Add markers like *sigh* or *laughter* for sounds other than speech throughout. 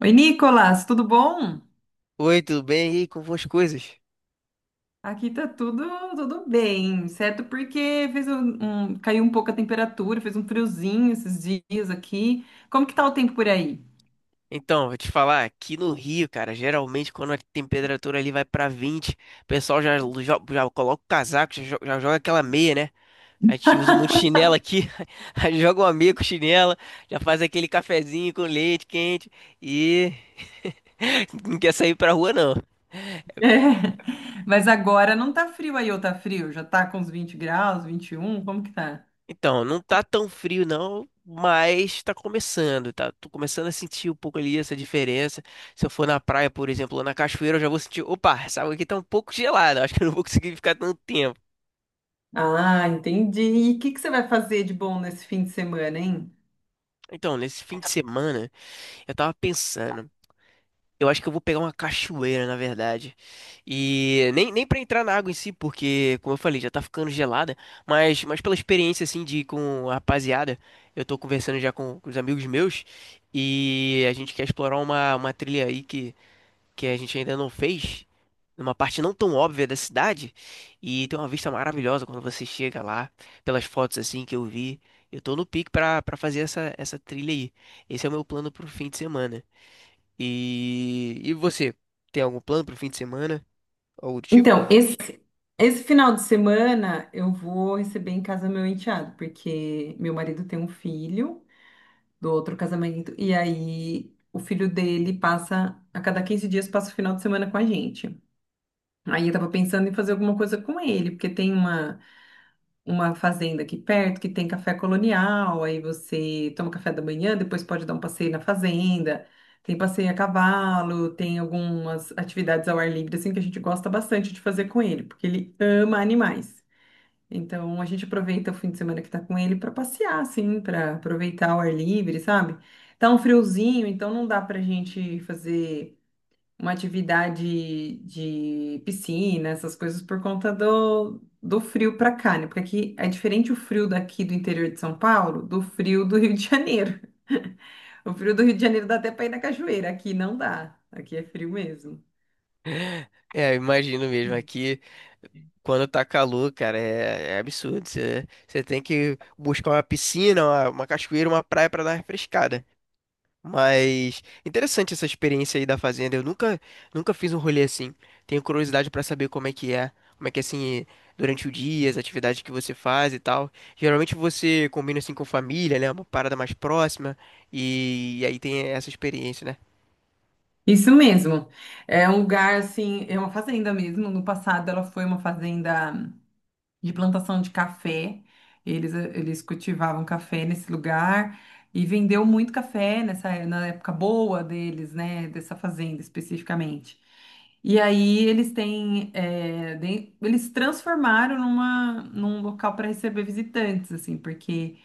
Oi, Nicolas, tudo bom? Oi, tudo bem? E aí, como vão as coisas? Aqui tá tudo bem, certo? Porque caiu um pouco a temperatura, fez um friozinho esses dias aqui. Como que tá o tempo por aí? *laughs* Então, vou te falar, aqui no Rio, cara, geralmente quando a temperatura ali vai pra 20, o pessoal já coloca o casaco, já joga aquela meia, né? A gente usa muito chinelo aqui, *laughs* aí joga uma meia com chinela, já faz aquele cafezinho com leite quente e *laughs* não quer sair pra rua não. É, mas agora não tá frio aí, ou tá frio? Já tá com uns 20 graus, 21. Como que tá? Então, não tá tão frio não, mas tá começando, tá? Tô começando a sentir um pouco ali essa diferença. Se eu for na praia, por exemplo, ou na cachoeira, eu já vou sentir, opa, essa água aqui tá um pouco gelada, acho que eu não vou conseguir ficar tanto tempo. Ah, entendi. E o que que você vai fazer de bom nesse fim de semana, hein? Então, nesse fim de semana, eu tava pensando. Eu acho que eu vou pegar uma cachoeira, na verdade. E nem para entrar na água em si, porque, como eu falei, já tá ficando gelada. Mas pela experiência, assim, de ir com a rapaziada, eu tô conversando já com os amigos meus. E a gente quer explorar uma trilha aí que a gente ainda não fez, numa parte não tão óbvia da cidade. E tem uma vista maravilhosa quando você chega lá, pelas fotos, assim, que eu vi. Eu tô no pique pra fazer essa trilha aí. Esse é o meu plano pro fim de semana. E você, tem algum plano pro fim de semana? Algo do tipo? Então, esse final de semana eu vou receber em casa meu enteado, porque meu marido tem um filho do outro casamento. E aí o filho dele passa, a cada 15 dias, passa o final de semana com a gente. Aí eu tava pensando em fazer alguma coisa com ele, porque tem uma fazenda aqui perto que tem café colonial, aí você toma café da manhã, depois pode dar um passeio na fazenda, tem passeio a cavalo, tem algumas atividades ao ar livre, assim, que a gente gosta bastante de fazer com ele, porque ele ama animais. Então a gente aproveita o fim de semana que tá com ele para passear, assim, para aproveitar o ar livre, sabe? Tá um friozinho, então não dá pra gente fazer uma atividade de piscina, essas coisas por conta do frio pra cá, né? Porque aqui é diferente o frio daqui do interior de São Paulo do frio do Rio de Janeiro. *laughs* O frio do Rio de Janeiro dá até para ir na cachoeira, aqui não dá. Aqui é frio mesmo. É, eu imagino mesmo. Aqui, quando tá calor, cara, é absurdo. Você tem que buscar uma piscina, uma cachoeira, uma praia pra dar uma refrescada. Mas interessante essa experiência aí da fazenda. Eu nunca fiz um rolê assim. Tenho curiosidade pra saber como é que é, como é que é assim durante o dia, as atividades que você faz e tal. Geralmente você combina assim com família, né? Uma parada mais próxima e aí tem essa experiência, né? Isso mesmo. É um lugar assim, é uma fazenda mesmo. No passado ela foi uma fazenda de plantação de café. Eles cultivavam café nesse lugar e vendeu muito café na época boa deles, né? Dessa fazenda especificamente. E aí eles têm, é, eles transformaram num local para receber visitantes, assim, porque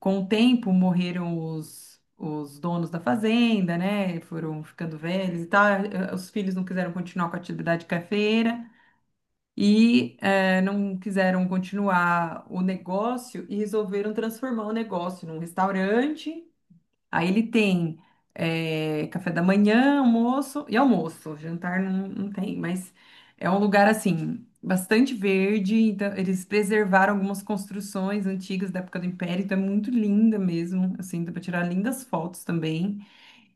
com o tempo morreram os donos da fazenda, né? Foram ficando velhos e tal. Os filhos não quiseram continuar com a atividade cafeira e não quiseram continuar o negócio e resolveram transformar o negócio num restaurante. Aí ele tem café da manhã, almoço e almoço. Jantar não, não tem, mas é um lugar assim bastante verde. Então eles preservaram algumas construções antigas da época do Império, então é muito linda mesmo. Assim, dá para tirar lindas fotos também.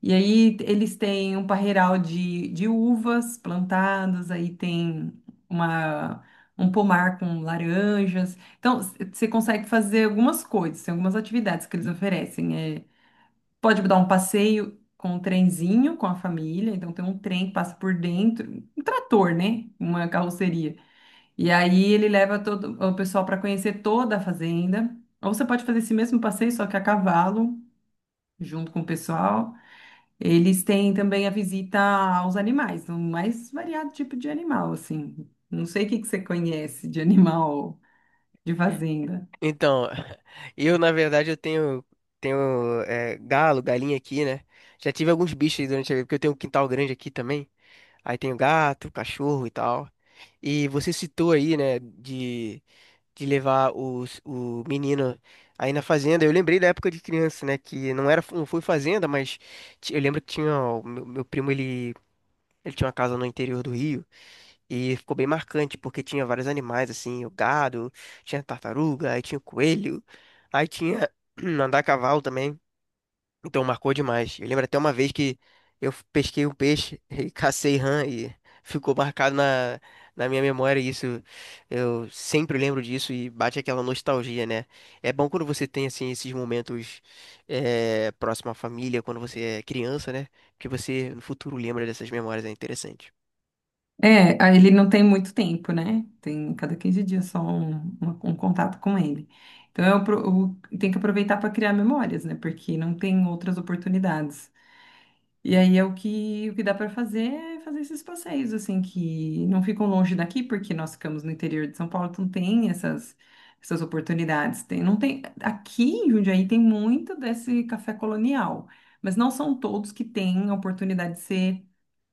E aí eles têm um parreiral de uvas plantadas, aí tem uma, um pomar com laranjas. Então, você consegue fazer algumas coisas, tem algumas atividades que eles oferecem. É, pode dar um passeio com um trenzinho com a família, então tem um trem que passa por dentro, um trator, né? Uma carroceria. E aí ele leva todo o pessoal para conhecer toda a fazenda. Ou você pode fazer esse mesmo passeio, só que a cavalo, junto com o pessoal. Eles têm também a visita aos animais, no mais variado tipo de animal, assim. Não sei o que que você conhece de animal de fazenda. Então, *laughs* eu na verdade eu tenho galo, galinha aqui, né? Já tive alguns bichos aí durante a vida, porque eu tenho um quintal grande aqui também. Aí tenho gato, cachorro e tal. E você citou aí, né, de levar o menino aí na fazenda. Eu lembrei da época de criança, né? Que não foi fazenda, mas eu lembro que tinha o meu primo, ele tinha uma casa no interior do Rio e ficou bem marcante porque tinha vários animais assim, o gado, tinha tartaruga, aí tinha o coelho, aí tinha *clears throat* andar a cavalo também. Então marcou demais. Eu lembro até uma vez que eu pesquei um peixe *laughs* e cacei rã e ficou marcado na, na minha memória. Isso eu sempre lembro disso e bate aquela nostalgia, né? É bom quando você tem assim esses momentos próximo à família, quando você é criança, né? Que você no futuro lembra dessas memórias, é interessante. É, ele não tem muito tempo, né? Tem cada 15 dias só um, um contato com ele. Então, eu tenho que aproveitar para criar memórias, né? Porque não tem outras oportunidades. E aí é o que dá para fazer é fazer esses passeios, assim, que não ficam longe daqui, porque nós ficamos no interior de São Paulo, então tem essas oportunidades. Tem, não tem, aqui em Jundiaí tem muito desse café colonial, mas não são todos que têm a oportunidade de ser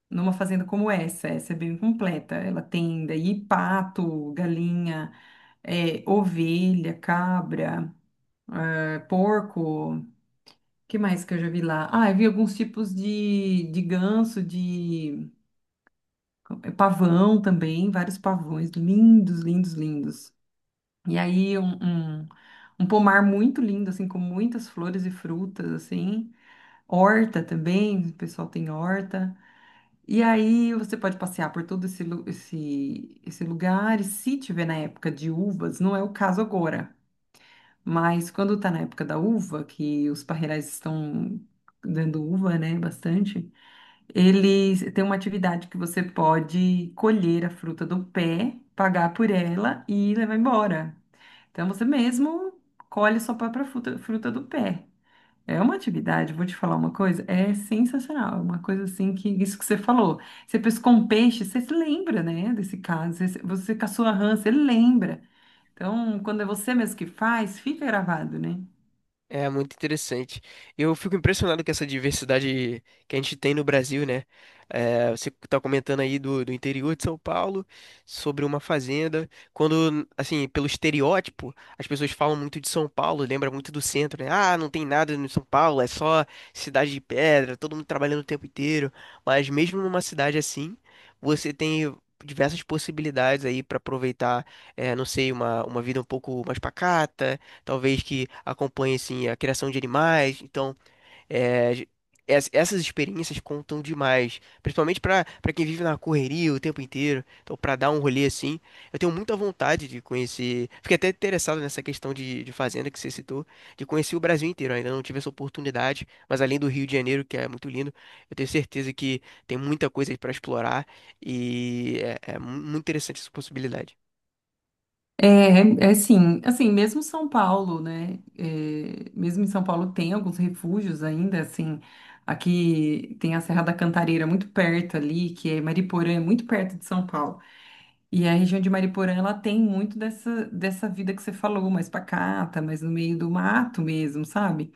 numa fazenda como essa. Essa é bem completa. Ela tem daí pato, galinha, ovelha, cabra, porco. Que mais que eu já vi lá? Ah, eu vi alguns tipos de ganso, de pavão também, vários pavões lindos, lindos, lindos. E aí um pomar muito lindo, assim, com muitas flores e frutas, assim. Horta também, o pessoal tem horta. E aí você pode passear por todo esse lugar, e se tiver na época de uvas, não é o caso agora, mas quando tá na época da uva, que os parreirais estão dando uva, né, bastante, ele tem uma atividade que você pode colher a fruta do pé, pagar por ela e levar embora. Então você mesmo colhe sua própria fruta, fruta do pé. É uma atividade, vou te falar uma coisa, é sensacional. É uma coisa assim que, isso que você falou. Você pescou um peixe, você se lembra, né, desse caso. Você caçou a rã, você lembra. Então, quando é você mesmo que faz, fica gravado, né? É muito interessante. Eu fico impressionado com essa diversidade que a gente tem no Brasil, né? É, você está comentando aí do interior de São Paulo, sobre uma fazenda. Quando, assim, pelo estereótipo, as pessoas falam muito de São Paulo, lembra muito do centro, né? Ah, não tem nada no São Paulo, é só cidade de pedra, todo mundo trabalhando o tempo inteiro. Mas mesmo numa cidade assim, você tem diversas possibilidades aí para aproveitar, é, não sei, uma vida um pouco mais pacata talvez que acompanhe assim a criação de animais. Então, é, j- essas experiências contam demais, principalmente para quem vive na correria o tempo inteiro. Então, para dar um rolê assim, eu tenho muita vontade de conhecer. Fiquei até interessado nessa questão de fazenda que você citou, de conhecer o Brasil inteiro. Ainda não tive essa oportunidade, mas além do Rio de Janeiro, que é muito lindo, eu tenho certeza que tem muita coisa para explorar e muito interessante essa possibilidade. É, é sim, assim, mesmo São Paulo, né? É, mesmo em São Paulo tem alguns refúgios ainda, assim, aqui tem a Serra da Cantareira muito perto ali, que é Mariporã, é muito perto de São Paulo. E a região de Mariporã, ela tem muito dessa vida que você falou, mais pacata, mais no meio do mato mesmo, sabe?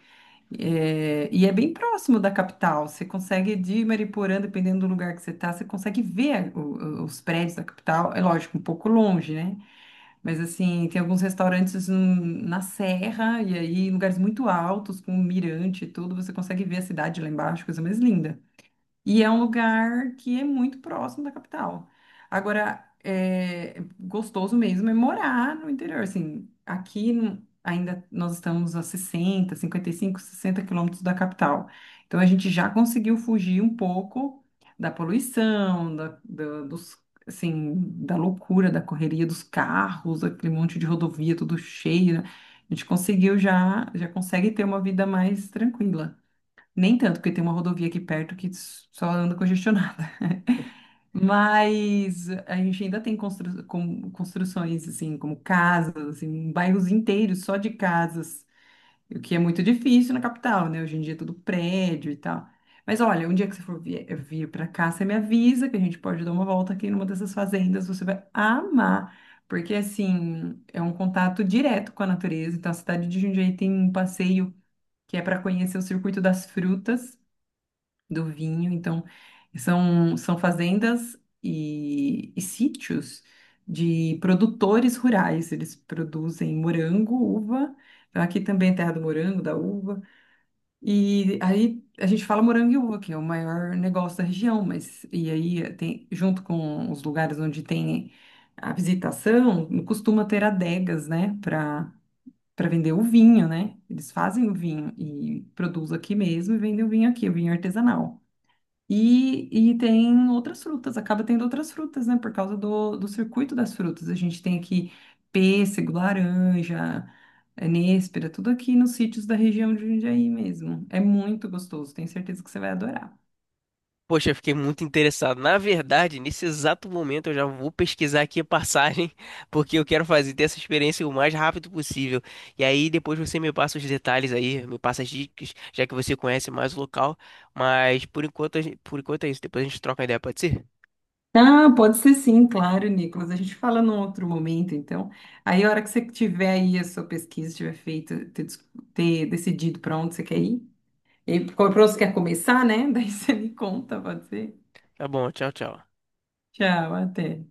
É, e é bem próximo da capital, você consegue de Mariporã, dependendo do lugar que você tá, você consegue ver os prédios da capital, é lógico, um pouco longe, né? Mas assim, tem alguns restaurantes na serra e aí em lugares muito altos, com mirante e tudo, você consegue ver a cidade lá embaixo, coisa mais linda. E é um lugar que é muito próximo da capital. Agora, é gostoso mesmo é morar no interior. Assim, aqui no- ainda nós estamos a 60, 55, 60 quilômetros da capital. Então, a gente já conseguiu fugir um pouco da poluição, dos, assim, da loucura, da correria dos carros, aquele monte de rodovia tudo cheio, né? A gente conseguiu já consegue ter uma vida mais tranquila. Nem tanto, porque tem uma rodovia aqui perto que só anda congestionada. *laughs* Mas a gente ainda tem construções, assim, como casas, assim, bairros inteiros só de casas, o que é muito difícil na capital, né? Hoje em dia é tudo prédio e tal. Mas olha, um dia que você for vir para cá, você me avisa que a gente pode dar uma volta aqui numa dessas fazendas, você vai amar. Porque, assim, é um contato direto com a natureza. Então, a cidade de Jundiaí tem um passeio que é para conhecer o Circuito das Frutas do vinho. Então, são fazendas e sítios de produtores rurais. Eles produzem morango, uva. Então, aqui também é terra do morango, da uva. E aí a gente fala morango e uva, que é o maior negócio da região, mas e aí tem, junto com os lugares onde tem a visitação, costuma ter adegas, né, para vender o vinho, né? Eles fazem o vinho e produzem aqui mesmo e vendem o vinho aqui, o vinho artesanal. E tem outras frutas, acaba tendo outras frutas, né? Por causa do circuito das frutas. A gente tem aqui pêssego, laranja, nêspera, tudo aqui nos sítios da região de Jundiaí mesmo. É muito gostoso, tenho certeza que você vai adorar. Poxa, eu fiquei muito interessado. Na verdade, nesse exato momento eu já vou pesquisar aqui a passagem, *laughs* porque eu quero fazer ter essa experiência o mais rápido possível. E aí depois você me passa os detalhes aí, me passa as dicas, já que você conhece mais o local. Mas por enquanto, por enquanto é isso. Depois a gente troca ideia, pode ser? Ah, pode ser sim, claro, Nicolas. A gente fala num outro momento, então. Aí, a hora que você tiver aí a sua pesquisa, tiver feita, ter decidido para onde você quer ir, e para onde você quer começar, né? *laughs* Daí você me conta, pode ser? Tá bom, tchau, tchau. Tchau, até.